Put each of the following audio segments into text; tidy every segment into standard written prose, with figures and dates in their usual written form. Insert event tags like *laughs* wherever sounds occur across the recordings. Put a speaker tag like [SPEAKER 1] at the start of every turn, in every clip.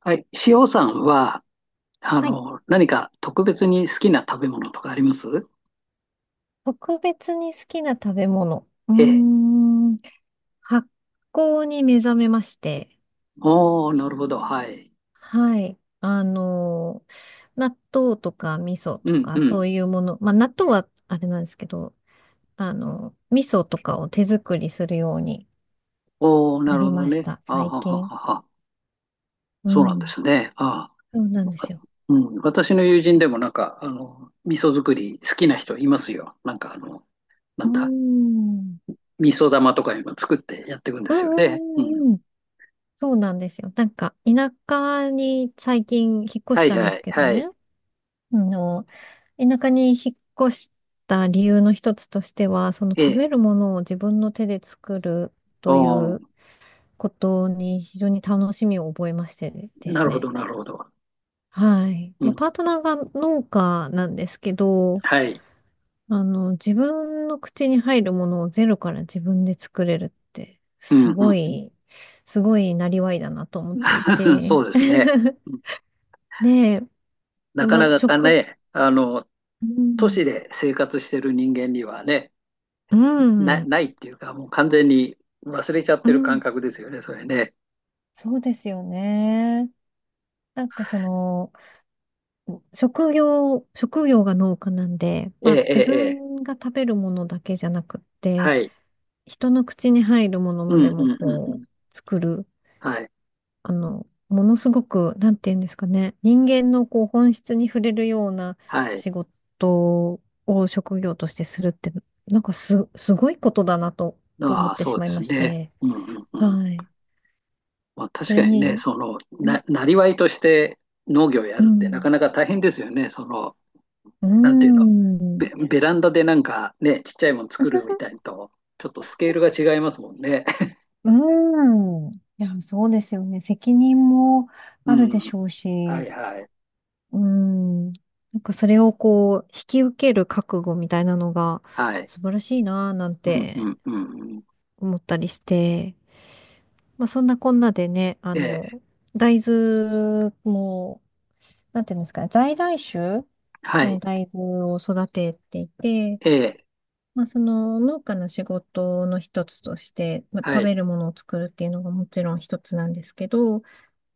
[SPEAKER 1] はい。塩さんは、
[SPEAKER 2] はい。
[SPEAKER 1] 何か特別に好きな食べ物とかあります？
[SPEAKER 2] 特別に好きな食べ物。うー
[SPEAKER 1] ええ。
[SPEAKER 2] ん。発酵に目覚めまして。
[SPEAKER 1] おー、なるほど。はい。
[SPEAKER 2] はい。納豆とか味噌
[SPEAKER 1] う
[SPEAKER 2] と
[SPEAKER 1] んう
[SPEAKER 2] かそ
[SPEAKER 1] ん。
[SPEAKER 2] ういうもの。まあ、納豆はあれなんですけど、味噌とかを手作りするように
[SPEAKER 1] おー、な
[SPEAKER 2] な
[SPEAKER 1] るほ
[SPEAKER 2] り
[SPEAKER 1] ど
[SPEAKER 2] まし
[SPEAKER 1] ね。
[SPEAKER 2] た。
[SPEAKER 1] あは
[SPEAKER 2] 最
[SPEAKER 1] は
[SPEAKER 2] 近。
[SPEAKER 1] はは。
[SPEAKER 2] う
[SPEAKER 1] そうなんで
[SPEAKER 2] ん。
[SPEAKER 1] すね。あ
[SPEAKER 2] そうなんで
[SPEAKER 1] あ。
[SPEAKER 2] すよ。
[SPEAKER 1] うん。私の友人でもなんか、味噌作り好きな人いますよ。なんかな
[SPEAKER 2] うー
[SPEAKER 1] んだ。
[SPEAKER 2] ん。
[SPEAKER 1] 味噌玉とか今作ってやっていくんで
[SPEAKER 2] うん
[SPEAKER 1] す
[SPEAKER 2] う
[SPEAKER 1] よね。うん。
[SPEAKER 2] んうんうん。そうなんですよ。なんか、田舎に最近引っ越
[SPEAKER 1] は
[SPEAKER 2] し
[SPEAKER 1] い
[SPEAKER 2] たんで
[SPEAKER 1] は
[SPEAKER 2] す
[SPEAKER 1] い
[SPEAKER 2] けど
[SPEAKER 1] はい。
[SPEAKER 2] ね。あの田舎に引っ越した理由の一つとしては、その
[SPEAKER 1] え
[SPEAKER 2] 食
[SPEAKER 1] え。
[SPEAKER 2] べるものを自分の手で作る
[SPEAKER 1] お
[SPEAKER 2] という
[SPEAKER 1] ー、
[SPEAKER 2] ことに非常に楽しみを覚えましてで
[SPEAKER 1] な
[SPEAKER 2] す
[SPEAKER 1] るほど
[SPEAKER 2] ね。
[SPEAKER 1] なるほど。
[SPEAKER 2] はい。
[SPEAKER 1] う
[SPEAKER 2] まあ、
[SPEAKER 1] ん。
[SPEAKER 2] パートナーが農家なんですけど、
[SPEAKER 1] はい。
[SPEAKER 2] 自分の口に入るものをゼロから自分で作れるって、
[SPEAKER 1] うんうん
[SPEAKER 2] すごいなりわいだなと思
[SPEAKER 1] う
[SPEAKER 2] っ
[SPEAKER 1] ん。
[SPEAKER 2] てい
[SPEAKER 1] *laughs*
[SPEAKER 2] て。
[SPEAKER 1] そうですね。
[SPEAKER 2] *laughs* ねえ。で、
[SPEAKER 1] なか
[SPEAKER 2] まあ、
[SPEAKER 1] なかね、
[SPEAKER 2] う
[SPEAKER 1] 都
[SPEAKER 2] ん、
[SPEAKER 1] 市で生活してる人間にはね、
[SPEAKER 2] う
[SPEAKER 1] な、
[SPEAKER 2] ん、
[SPEAKER 1] ないっていうか、もう完全に忘れちゃっ
[SPEAKER 2] う
[SPEAKER 1] てる感
[SPEAKER 2] ん
[SPEAKER 1] 覚ですよね、それね。
[SPEAKER 2] そうですよね。なんかその、職業が農家なんで、
[SPEAKER 1] え
[SPEAKER 2] ま
[SPEAKER 1] え、
[SPEAKER 2] あ
[SPEAKER 1] え
[SPEAKER 2] 自
[SPEAKER 1] え、ええ。
[SPEAKER 2] 分が食べるものだけじゃなくって、
[SPEAKER 1] はい。
[SPEAKER 2] 人の口に入るもの
[SPEAKER 1] う
[SPEAKER 2] まで
[SPEAKER 1] ん、う
[SPEAKER 2] も
[SPEAKER 1] ん、うん、う
[SPEAKER 2] こ
[SPEAKER 1] ん。
[SPEAKER 2] う、作る、
[SPEAKER 1] はい、
[SPEAKER 2] ものすごく、なんて言うんですかね、人間のこう本質に触れるような
[SPEAKER 1] はい。
[SPEAKER 2] 仕事を職業としてするって、なんかすごいことだなと思
[SPEAKER 1] あ
[SPEAKER 2] っ
[SPEAKER 1] あ、
[SPEAKER 2] て
[SPEAKER 1] そ
[SPEAKER 2] し
[SPEAKER 1] うで
[SPEAKER 2] まい
[SPEAKER 1] す
[SPEAKER 2] まし
[SPEAKER 1] ね。
[SPEAKER 2] て、
[SPEAKER 1] うん、うん、うん。
[SPEAKER 2] はい。
[SPEAKER 1] まあ、
[SPEAKER 2] そ
[SPEAKER 1] 確か
[SPEAKER 2] れ
[SPEAKER 1] にね、
[SPEAKER 2] に、
[SPEAKER 1] その、
[SPEAKER 2] うん、
[SPEAKER 1] なりわいとして農業や
[SPEAKER 2] う
[SPEAKER 1] るってなか
[SPEAKER 2] ん。
[SPEAKER 1] なか大変ですよね、その、
[SPEAKER 2] うー
[SPEAKER 1] なんていうの、ベ、
[SPEAKER 2] ん
[SPEAKER 1] ベランダでなんかね、ちっちゃいもの作るみたいにと、ちょっとスケールが違いますもんね。*laughs*
[SPEAKER 2] うーん。いや、そうですよね。責任も
[SPEAKER 1] う
[SPEAKER 2] あるで
[SPEAKER 1] ん、
[SPEAKER 2] しょう
[SPEAKER 1] は
[SPEAKER 2] し、
[SPEAKER 1] い、はい、
[SPEAKER 2] うーん。なんかそれをこう、引き受ける覚悟みたいなのが
[SPEAKER 1] はい。
[SPEAKER 2] 素晴らしいなぁなん
[SPEAKER 1] うんう
[SPEAKER 2] て
[SPEAKER 1] んうんうん。
[SPEAKER 2] 思ったりして、まあそんなこんなでね、
[SPEAKER 1] ええ、
[SPEAKER 2] 大豆も、なんていうんですかね、在来種
[SPEAKER 1] はい、
[SPEAKER 2] の大豆を育てていて、
[SPEAKER 1] ええ、
[SPEAKER 2] まあ、その農家の仕事の一つとして、まあ、
[SPEAKER 1] は
[SPEAKER 2] 食
[SPEAKER 1] い。
[SPEAKER 2] べるものを作るっていうのがもちろん一つなんですけど、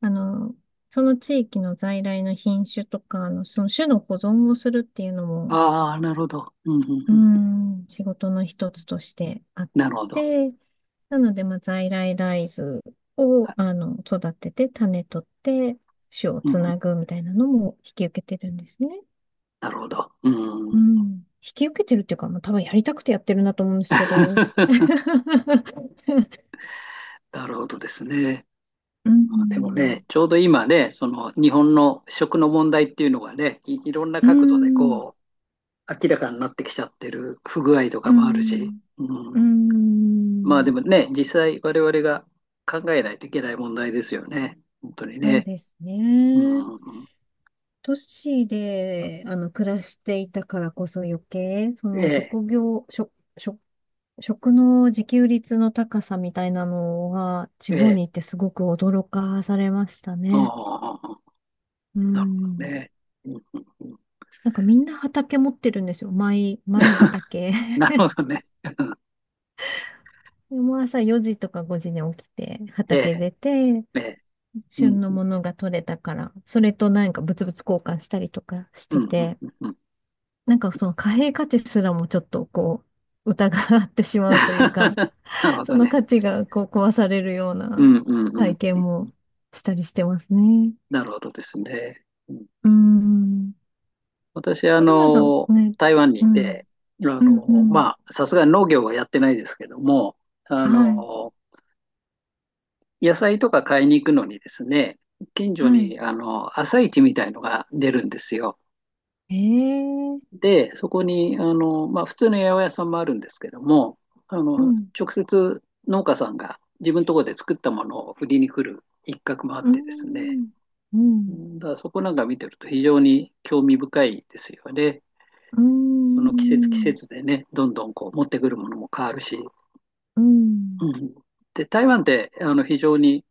[SPEAKER 2] あの、その地域の在来の品種とか、その種の保存をするっていうのも、
[SPEAKER 1] ああ、なるほど。うんうん
[SPEAKER 2] う
[SPEAKER 1] うん。
[SPEAKER 2] ん、仕事の一つとしてあっ
[SPEAKER 1] なるほど。
[SPEAKER 2] て、なので、まあ、在来大豆
[SPEAKER 1] は
[SPEAKER 2] を、
[SPEAKER 1] い。
[SPEAKER 2] 育てて、種取って、種を
[SPEAKER 1] うん
[SPEAKER 2] つ
[SPEAKER 1] うん、
[SPEAKER 2] なぐみたいなのも引き受けてるんですね。
[SPEAKER 1] なるほど。う
[SPEAKER 2] う
[SPEAKER 1] ん。
[SPEAKER 2] ん。引き受けてるっていうか、まあ、多分やりたくてやってるなと思うんですけど。
[SPEAKER 1] *laughs*
[SPEAKER 2] *laughs*
[SPEAKER 1] なるほどですね。
[SPEAKER 2] う
[SPEAKER 1] でもね、
[SPEAKER 2] ん。
[SPEAKER 1] ちょうど今ね、その日本の食の問題っていうのがね、いろんな
[SPEAKER 2] う
[SPEAKER 1] 角度で
[SPEAKER 2] ん。
[SPEAKER 1] こう、明らかになってきちゃってる不具合と
[SPEAKER 2] う
[SPEAKER 1] かもあるし、
[SPEAKER 2] ん。
[SPEAKER 1] う
[SPEAKER 2] うん。う
[SPEAKER 1] ん。まあ
[SPEAKER 2] ん
[SPEAKER 1] でもね、実際我々が考えないといけない問題ですよね。本当に
[SPEAKER 2] そう
[SPEAKER 1] ね。
[SPEAKER 2] です
[SPEAKER 1] うんう
[SPEAKER 2] ね。
[SPEAKER 1] んうん。
[SPEAKER 2] 都市で、暮らしていたからこそ余計、そ
[SPEAKER 1] え
[SPEAKER 2] の
[SPEAKER 1] え、
[SPEAKER 2] 職業、食、食、食の自給率の高さみたいなのが地
[SPEAKER 1] え
[SPEAKER 2] 方
[SPEAKER 1] え。
[SPEAKER 2] に行ってすごく驚かされましたね。
[SPEAKER 1] ああ。
[SPEAKER 2] う
[SPEAKER 1] なるほど
[SPEAKER 2] ん。
[SPEAKER 1] ね。うんうんうん、
[SPEAKER 2] なんかみんな畑持ってるんですよ。マイ
[SPEAKER 1] *laughs*
[SPEAKER 2] 畑。
[SPEAKER 1] なるほ
[SPEAKER 2] *laughs*
[SPEAKER 1] どね。うん。
[SPEAKER 2] でもう朝4時とか5時に起きて
[SPEAKER 1] ええ、
[SPEAKER 2] 畑出て、
[SPEAKER 1] ええ、うん、
[SPEAKER 2] 旬のものが取れたから、それとなんかブツブツ交換したりとかし
[SPEAKER 1] う
[SPEAKER 2] て
[SPEAKER 1] ん、うん、
[SPEAKER 2] て、
[SPEAKER 1] うんうん。
[SPEAKER 2] なんかその貨幣価値すらもちょっとこう、疑ってし
[SPEAKER 1] *laughs*
[SPEAKER 2] まうというか、
[SPEAKER 1] なるほ
[SPEAKER 2] そ
[SPEAKER 1] ど
[SPEAKER 2] の
[SPEAKER 1] ね。
[SPEAKER 2] 価値がこう壊されるよう
[SPEAKER 1] う
[SPEAKER 2] な
[SPEAKER 1] ん、うん、うん、
[SPEAKER 2] 体験
[SPEAKER 1] うん。
[SPEAKER 2] もしたりしてますね。
[SPEAKER 1] なるほどですね。うん、
[SPEAKER 2] うん。
[SPEAKER 1] 私、
[SPEAKER 2] 松村さん、ね、
[SPEAKER 1] 台湾に
[SPEAKER 2] う
[SPEAKER 1] い
[SPEAKER 2] ん、
[SPEAKER 1] て、
[SPEAKER 2] うん、うん。
[SPEAKER 1] まあ、さすがに農業はやってないですけども、あ
[SPEAKER 2] はい、
[SPEAKER 1] の、野菜とか買いに行くのにですね、近所
[SPEAKER 2] はい。
[SPEAKER 1] に、朝市みたいのが出るんですよ。
[SPEAKER 2] ええ
[SPEAKER 1] で、そこに、まあ、普通の八百屋さんもあるんですけども、
[SPEAKER 2] うん、
[SPEAKER 1] 直接農家さんが自分のところで作ったものを売りに来る一角もあっ
[SPEAKER 2] う
[SPEAKER 1] てですね、
[SPEAKER 2] ん、うん、
[SPEAKER 1] だからそこなんか見てると非常に興味深いですよね。
[SPEAKER 2] う
[SPEAKER 1] その季節季
[SPEAKER 2] ん、
[SPEAKER 1] 節でね、どんどんこう持ってくるものも変わるし、
[SPEAKER 2] うん。
[SPEAKER 1] うん。で、台湾って非常に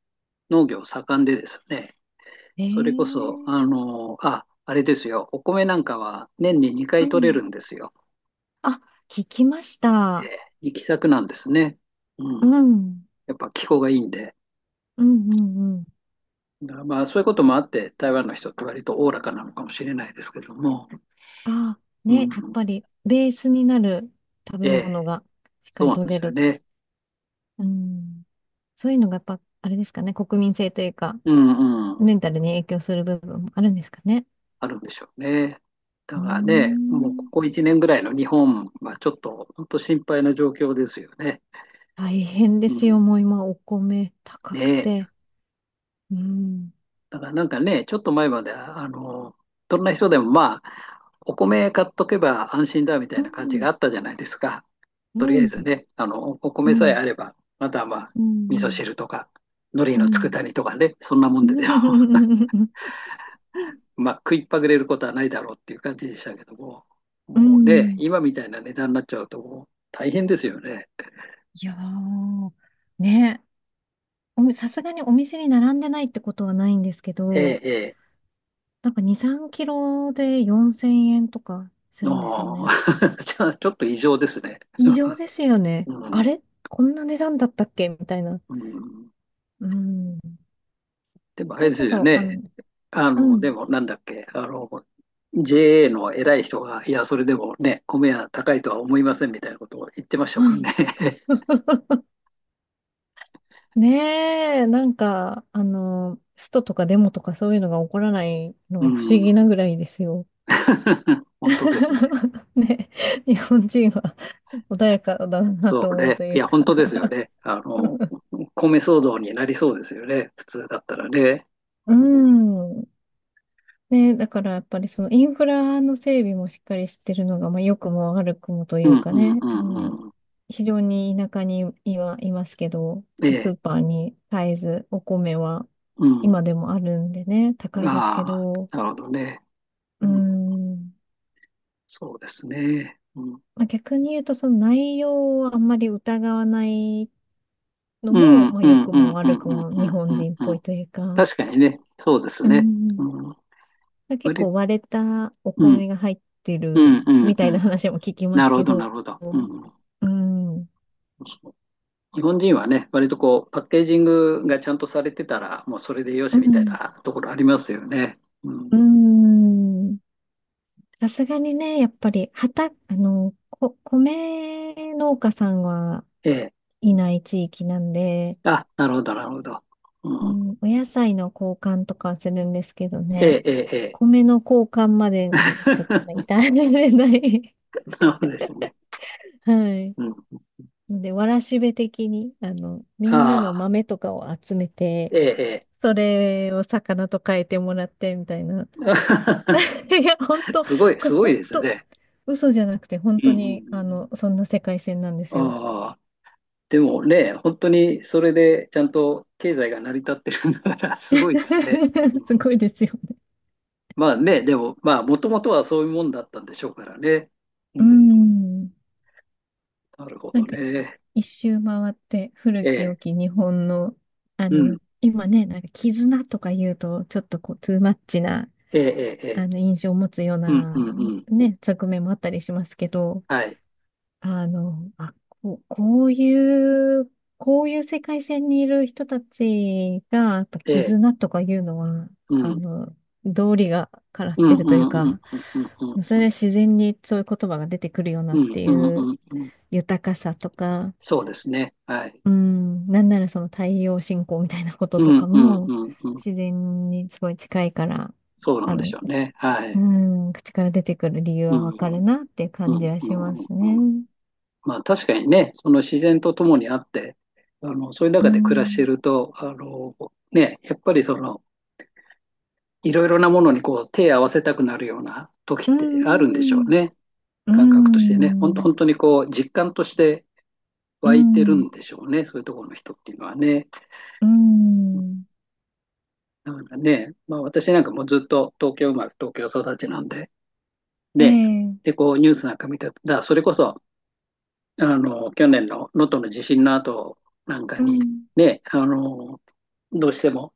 [SPEAKER 1] 農業盛んでですね、
[SPEAKER 2] え
[SPEAKER 1] それこそ、
[SPEAKER 2] え
[SPEAKER 1] あれですよ、お米なんかは年に2
[SPEAKER 2] う
[SPEAKER 1] 回取れる
[SPEAKER 2] ん。
[SPEAKER 1] んですよ。
[SPEAKER 2] あ、聞きまし
[SPEAKER 1] え
[SPEAKER 2] た。
[SPEAKER 1] え行き先なんですね。う
[SPEAKER 2] う
[SPEAKER 1] ん。
[SPEAKER 2] ん、うん、
[SPEAKER 1] やっぱ気候がいいんで。
[SPEAKER 2] うん、うん。
[SPEAKER 1] だからまあそういうこともあって、台湾の人って割とおおらかなのかもしれないですけども。
[SPEAKER 2] ああ、
[SPEAKER 1] うん。
[SPEAKER 2] ね、やっぱりベースになる食
[SPEAKER 1] え
[SPEAKER 2] べ
[SPEAKER 1] え、
[SPEAKER 2] 物がしっか
[SPEAKER 1] そう
[SPEAKER 2] り
[SPEAKER 1] なん
[SPEAKER 2] 取
[SPEAKER 1] で
[SPEAKER 2] れ
[SPEAKER 1] すよ
[SPEAKER 2] る。
[SPEAKER 1] ね。
[SPEAKER 2] うん。そういうのがやっぱ、あれですかね、国民性というか、
[SPEAKER 1] うんうん。
[SPEAKER 2] メンタルに影響する部分もあるんですかね。
[SPEAKER 1] あるんでしょうね。だ
[SPEAKER 2] うー
[SPEAKER 1] からね、もうこ
[SPEAKER 2] ん。
[SPEAKER 1] こ1年ぐらいの日本はちょっと本当心配な状況ですよね。
[SPEAKER 2] 大変で
[SPEAKER 1] う
[SPEAKER 2] すよ、
[SPEAKER 1] ん。
[SPEAKER 2] もう今、お米高く
[SPEAKER 1] ねえ。
[SPEAKER 2] て。うん。
[SPEAKER 1] だからなんかね、ちょっと前までは、どんな人でもまあ、お米買っとけば安心だみたい
[SPEAKER 2] う
[SPEAKER 1] な感じ
[SPEAKER 2] ん。
[SPEAKER 1] があったじゃないですか。
[SPEAKER 2] う
[SPEAKER 1] とりあえ
[SPEAKER 2] ん。
[SPEAKER 1] ずね、お
[SPEAKER 2] う
[SPEAKER 1] 米さえ
[SPEAKER 2] ん。
[SPEAKER 1] あれば、あとはまあ、
[SPEAKER 2] う
[SPEAKER 1] 味噌
[SPEAKER 2] ん。
[SPEAKER 1] 汁とか、海苔
[SPEAKER 2] う
[SPEAKER 1] の
[SPEAKER 2] ん。
[SPEAKER 1] 佃煮とかね、そんなも
[SPEAKER 2] *laughs*
[SPEAKER 1] ん
[SPEAKER 2] う
[SPEAKER 1] ででも、
[SPEAKER 2] ん。
[SPEAKER 1] *laughs* まあ、食いっぱぐれることはないだろうっていう感じでしたけども、
[SPEAKER 2] う
[SPEAKER 1] もうね、
[SPEAKER 2] ん
[SPEAKER 1] 今みたいな値段になっちゃうと、もう大変ですよね。
[SPEAKER 2] いやー、ね、さすがにお店に並んでないってことはないんですけ
[SPEAKER 1] ええ、
[SPEAKER 2] ど、
[SPEAKER 1] ええ、
[SPEAKER 2] なんか2、3キロで4000円とかするんですよ
[SPEAKER 1] も
[SPEAKER 2] ね。
[SPEAKER 1] *laughs* ちょっと異常ですね。
[SPEAKER 2] 異常ですよね。
[SPEAKER 1] う
[SPEAKER 2] あ
[SPEAKER 1] ん、
[SPEAKER 2] れこんな値段だったっけみたいな。
[SPEAKER 1] うん。
[SPEAKER 2] うん。
[SPEAKER 1] でも、あ
[SPEAKER 2] そ
[SPEAKER 1] れ
[SPEAKER 2] れ
[SPEAKER 1] です
[SPEAKER 2] こ
[SPEAKER 1] よ
[SPEAKER 2] そ、
[SPEAKER 1] ね。
[SPEAKER 2] う
[SPEAKER 1] で
[SPEAKER 2] ん。
[SPEAKER 1] も、なんだっけ、JA の偉い人が、いや、それでもね、米は高いとは思いませんみたいなことを言ってましたも
[SPEAKER 2] あ
[SPEAKER 1] んね。
[SPEAKER 2] *laughs* ねえ、なんか、ストとかデモとかそういうのが起こらない
[SPEAKER 1] *laughs*
[SPEAKER 2] の
[SPEAKER 1] う
[SPEAKER 2] が不思議な
[SPEAKER 1] ん。
[SPEAKER 2] ぐらいですよ。
[SPEAKER 1] *laughs* 本当ですね。
[SPEAKER 2] *laughs* ね、日本人は穏やかだな
[SPEAKER 1] そ
[SPEAKER 2] と
[SPEAKER 1] う
[SPEAKER 2] 思う
[SPEAKER 1] ね。
[SPEAKER 2] とい
[SPEAKER 1] い
[SPEAKER 2] う
[SPEAKER 1] や、本
[SPEAKER 2] か
[SPEAKER 1] 当ですよね。米騒動になりそうですよね。普通だったらね。
[SPEAKER 2] *laughs* う
[SPEAKER 1] うん、
[SPEAKER 2] ん。ね、だからやっぱりそのインフラの整備もしっかりしてるのが、まあ、良くも悪くもと
[SPEAKER 1] う
[SPEAKER 2] いう
[SPEAKER 1] ん、
[SPEAKER 2] か
[SPEAKER 1] うん、
[SPEAKER 2] ね、
[SPEAKER 1] うんうん。
[SPEAKER 2] 非常に田舎に今いますけど、
[SPEAKER 1] え
[SPEAKER 2] ス
[SPEAKER 1] え、
[SPEAKER 2] ーパーに絶えずお米は
[SPEAKER 1] うん。
[SPEAKER 2] 今でもあるんでね、高いですけ
[SPEAKER 1] あ
[SPEAKER 2] ど、
[SPEAKER 1] あ、なるほどね。
[SPEAKER 2] うー
[SPEAKER 1] うん、
[SPEAKER 2] ん、
[SPEAKER 1] そうですね。うん、
[SPEAKER 2] まあ、逆に言うとその内容をあんまり疑わないの
[SPEAKER 1] うん、
[SPEAKER 2] も、
[SPEAKER 1] うん、
[SPEAKER 2] まあ、
[SPEAKER 1] う
[SPEAKER 2] 良
[SPEAKER 1] ん、
[SPEAKER 2] く
[SPEAKER 1] う
[SPEAKER 2] も
[SPEAKER 1] ん、う
[SPEAKER 2] 悪く
[SPEAKER 1] ん、
[SPEAKER 2] も
[SPEAKER 1] う
[SPEAKER 2] 日
[SPEAKER 1] ん、
[SPEAKER 2] 本
[SPEAKER 1] うん
[SPEAKER 2] 人っぽ
[SPEAKER 1] う
[SPEAKER 2] い
[SPEAKER 1] ん。
[SPEAKER 2] というか、
[SPEAKER 1] 確かにね。そうです
[SPEAKER 2] う
[SPEAKER 1] ね。う
[SPEAKER 2] ん、
[SPEAKER 1] ん、こ
[SPEAKER 2] 結
[SPEAKER 1] れ、
[SPEAKER 2] 構割れたお
[SPEAKER 1] うん、
[SPEAKER 2] 米が入って
[SPEAKER 1] う
[SPEAKER 2] る
[SPEAKER 1] ん、うん、
[SPEAKER 2] みた
[SPEAKER 1] う
[SPEAKER 2] いな
[SPEAKER 1] ん。
[SPEAKER 2] 話も聞きま
[SPEAKER 1] な
[SPEAKER 2] す
[SPEAKER 1] るほ
[SPEAKER 2] け
[SPEAKER 1] ど、な
[SPEAKER 2] ど、
[SPEAKER 1] るほど。うん、
[SPEAKER 2] うん、
[SPEAKER 1] 日本人はね、割とこう、パッケージングがちゃんとされてたら、もうそれでよ
[SPEAKER 2] う
[SPEAKER 1] しみたい
[SPEAKER 2] ん、
[SPEAKER 1] なところありますよね。う
[SPEAKER 2] う
[SPEAKER 1] ん。
[SPEAKER 2] ん。さすがにね、やっぱり、畑、あの、こ、米農家さんは
[SPEAKER 1] ええ。
[SPEAKER 2] いない地域なんで、
[SPEAKER 1] あ、なるほど、なるほど。
[SPEAKER 2] う
[SPEAKER 1] うん。
[SPEAKER 2] ん、お野菜の交換とかはするんですけど
[SPEAKER 1] え
[SPEAKER 2] ね、
[SPEAKER 1] え、ええ、ええ。
[SPEAKER 2] 米の交換までにちょっとね
[SPEAKER 1] *laughs*
[SPEAKER 2] 至られない
[SPEAKER 1] なるほどですね。
[SPEAKER 2] *laughs* はい。
[SPEAKER 1] うん。
[SPEAKER 2] ので、わらしべ的に、みんなの
[SPEAKER 1] ああ、
[SPEAKER 2] 豆とかを集めて、
[SPEAKER 1] ええ、ええ。
[SPEAKER 2] それを魚と変えてもらってみたいな *laughs* いや、本
[SPEAKER 1] *laughs*
[SPEAKER 2] 当、
[SPEAKER 1] すごい、
[SPEAKER 2] れ
[SPEAKER 1] すごい
[SPEAKER 2] 本
[SPEAKER 1] です
[SPEAKER 2] 当、
[SPEAKER 1] ね。
[SPEAKER 2] 嘘じゃなくて、本
[SPEAKER 1] うん
[SPEAKER 2] 当
[SPEAKER 1] う
[SPEAKER 2] に、
[SPEAKER 1] ん
[SPEAKER 2] そんな世界線なんで
[SPEAKER 1] う
[SPEAKER 2] すよ。
[SPEAKER 1] ん。ああ、でもね、本当にそれでちゃんと経済が成り立ってるんだから、*laughs* すごいですね。うん。
[SPEAKER 2] *laughs* すごいですよ。
[SPEAKER 1] まあね、でも、まあ、もともとはそういうもんだったんでしょうからね。う
[SPEAKER 2] う
[SPEAKER 1] ん。
[SPEAKER 2] ん。
[SPEAKER 1] なるほ
[SPEAKER 2] な
[SPEAKER 1] ど
[SPEAKER 2] んか、
[SPEAKER 1] ね。
[SPEAKER 2] 一周回って、古
[SPEAKER 1] え
[SPEAKER 2] き
[SPEAKER 1] え、
[SPEAKER 2] 良き日本の、
[SPEAKER 1] うん、
[SPEAKER 2] 今ね、なんか、絆とか言うと、ちょっとこう、トゥーマッチな、
[SPEAKER 1] ええ、ええ、ええ。
[SPEAKER 2] 印象を持つよう
[SPEAKER 1] うん、う
[SPEAKER 2] な、
[SPEAKER 1] ん、うん。
[SPEAKER 2] ね、側面もあったりしますけど、
[SPEAKER 1] はい。
[SPEAKER 2] あの、あ、こう、こういう、こういう世界線にいる人たちが、やっぱ
[SPEAKER 1] ええ、
[SPEAKER 2] 絆とかいうのは、
[SPEAKER 1] う
[SPEAKER 2] あ
[SPEAKER 1] ん、
[SPEAKER 2] の、道理がからっ
[SPEAKER 1] う
[SPEAKER 2] て
[SPEAKER 1] ん、
[SPEAKER 2] る
[SPEAKER 1] う
[SPEAKER 2] という
[SPEAKER 1] ん、うん、うん、
[SPEAKER 2] か、
[SPEAKER 1] う
[SPEAKER 2] そ
[SPEAKER 1] ん、
[SPEAKER 2] れは自然にそういう言葉が出てくるよな
[SPEAKER 1] う
[SPEAKER 2] っ
[SPEAKER 1] ん、
[SPEAKER 2] てい
[SPEAKER 1] うん、
[SPEAKER 2] う
[SPEAKER 1] うん、うん。
[SPEAKER 2] 豊かさとか、
[SPEAKER 1] そうですね。はい。
[SPEAKER 2] うん、なんならその太陽信仰みたいなこと
[SPEAKER 1] う
[SPEAKER 2] と
[SPEAKER 1] ん、
[SPEAKER 2] か
[SPEAKER 1] うん、う
[SPEAKER 2] も、
[SPEAKER 1] ん、うん。
[SPEAKER 2] 自然にすごい近いから、
[SPEAKER 1] そうな
[SPEAKER 2] あ
[SPEAKER 1] んでし
[SPEAKER 2] の、
[SPEAKER 1] ょうね。は
[SPEAKER 2] う
[SPEAKER 1] い。
[SPEAKER 2] ん、口から出てくる理由
[SPEAKER 1] う
[SPEAKER 2] はわかる
[SPEAKER 1] ん、
[SPEAKER 2] なっていう
[SPEAKER 1] うん、
[SPEAKER 2] 感
[SPEAKER 1] う
[SPEAKER 2] じ
[SPEAKER 1] ん、
[SPEAKER 2] はしま
[SPEAKER 1] うん、
[SPEAKER 2] す
[SPEAKER 1] うん。
[SPEAKER 2] ね。
[SPEAKER 1] まあ確かにね、その自然と共にあって、そういう
[SPEAKER 2] う
[SPEAKER 1] 中で暮らして
[SPEAKER 2] ん
[SPEAKER 1] ると、ね、やっぱりその、いろいろなものにこう手を合わせたくなるような時
[SPEAKER 2] う
[SPEAKER 1] ってあるんでしょう
[SPEAKER 2] ん
[SPEAKER 1] ね。
[SPEAKER 2] う
[SPEAKER 1] 感覚としてね、本
[SPEAKER 2] ん
[SPEAKER 1] 当
[SPEAKER 2] うん
[SPEAKER 1] 本当にこう、実感として
[SPEAKER 2] う
[SPEAKER 1] 湧いてる
[SPEAKER 2] ん
[SPEAKER 1] んでしょうね、そういうところの人っていうのはね。
[SPEAKER 2] うん
[SPEAKER 1] だからね、まあ私なんかもうずっと東京生まれ、東京育ちなんで、ね、で、
[SPEAKER 2] え
[SPEAKER 1] こうニュースなんか見てた、それこそ、去年の能登の地震の後なんか
[SPEAKER 2] う
[SPEAKER 1] に、
[SPEAKER 2] ん
[SPEAKER 1] ね、どうしても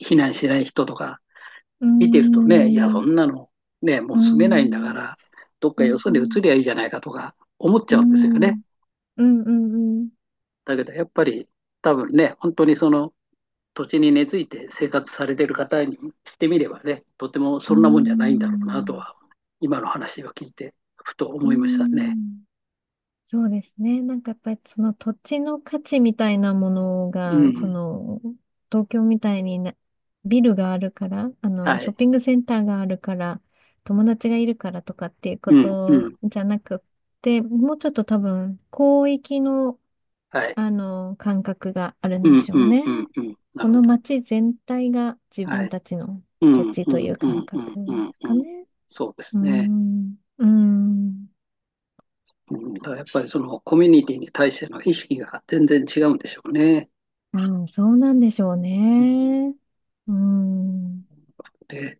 [SPEAKER 1] 避難しない人とか
[SPEAKER 2] う
[SPEAKER 1] 見てるとね、いや、そ
[SPEAKER 2] ん
[SPEAKER 1] んなの、ね、も
[SPEAKER 2] う
[SPEAKER 1] う住めないんだか
[SPEAKER 2] ん
[SPEAKER 1] ら、どっ
[SPEAKER 2] う
[SPEAKER 1] か
[SPEAKER 2] ん
[SPEAKER 1] よそ
[SPEAKER 2] う
[SPEAKER 1] に移
[SPEAKER 2] ん
[SPEAKER 1] りゃいいじゃないかとか思っち
[SPEAKER 2] う
[SPEAKER 1] ゃうんですよね。
[SPEAKER 2] んうんうんうんうん
[SPEAKER 1] だけど、やっぱり多分ね、本当にその土地に根付いて生活されてる方にしてみればね、とても
[SPEAKER 2] う
[SPEAKER 1] そ
[SPEAKER 2] んう
[SPEAKER 1] んなもんじゃないんだろうなと
[SPEAKER 2] ん
[SPEAKER 1] は、今の話を聞いて、ふと
[SPEAKER 2] う
[SPEAKER 1] 思いましたね。
[SPEAKER 2] ん。そうですね。なんかやっぱりその土地の価値みたいなもの
[SPEAKER 1] う
[SPEAKER 2] が、そ
[SPEAKER 1] ん。
[SPEAKER 2] の東京みたいになビルがあるから、
[SPEAKER 1] は
[SPEAKER 2] ショ
[SPEAKER 1] い。
[SPEAKER 2] ッピングセンターがあるから、友達がいるからとかっていうこ
[SPEAKER 1] うん、う
[SPEAKER 2] と
[SPEAKER 1] ん。
[SPEAKER 2] じゃなくって、もうちょっと多分広域の、
[SPEAKER 1] はい。
[SPEAKER 2] あの感覚がある
[SPEAKER 1] う
[SPEAKER 2] んで
[SPEAKER 1] ん、
[SPEAKER 2] し
[SPEAKER 1] う
[SPEAKER 2] ょう
[SPEAKER 1] ん、
[SPEAKER 2] ね。
[SPEAKER 1] うん、うん。な
[SPEAKER 2] こ
[SPEAKER 1] るほ
[SPEAKER 2] の
[SPEAKER 1] ど。
[SPEAKER 2] 街全体が自
[SPEAKER 1] は
[SPEAKER 2] 分
[SPEAKER 1] い。
[SPEAKER 2] たちの
[SPEAKER 1] う
[SPEAKER 2] 土
[SPEAKER 1] ん、
[SPEAKER 2] 地
[SPEAKER 1] う
[SPEAKER 2] とい
[SPEAKER 1] ん、
[SPEAKER 2] う
[SPEAKER 1] う
[SPEAKER 2] 感
[SPEAKER 1] ん、う
[SPEAKER 2] 覚
[SPEAKER 1] ん、う
[SPEAKER 2] で
[SPEAKER 1] ん、
[SPEAKER 2] す
[SPEAKER 1] う
[SPEAKER 2] か
[SPEAKER 1] ん。
[SPEAKER 2] ね。
[SPEAKER 1] そうで
[SPEAKER 2] うー
[SPEAKER 1] すね。
[SPEAKER 2] ん、うーん、
[SPEAKER 1] うん、だからやっぱりそのコミュニティに対しての意識が全然違うんでしょうね。
[SPEAKER 2] うん、そうなんでしょう
[SPEAKER 1] うん、
[SPEAKER 2] ね。うーん。
[SPEAKER 1] で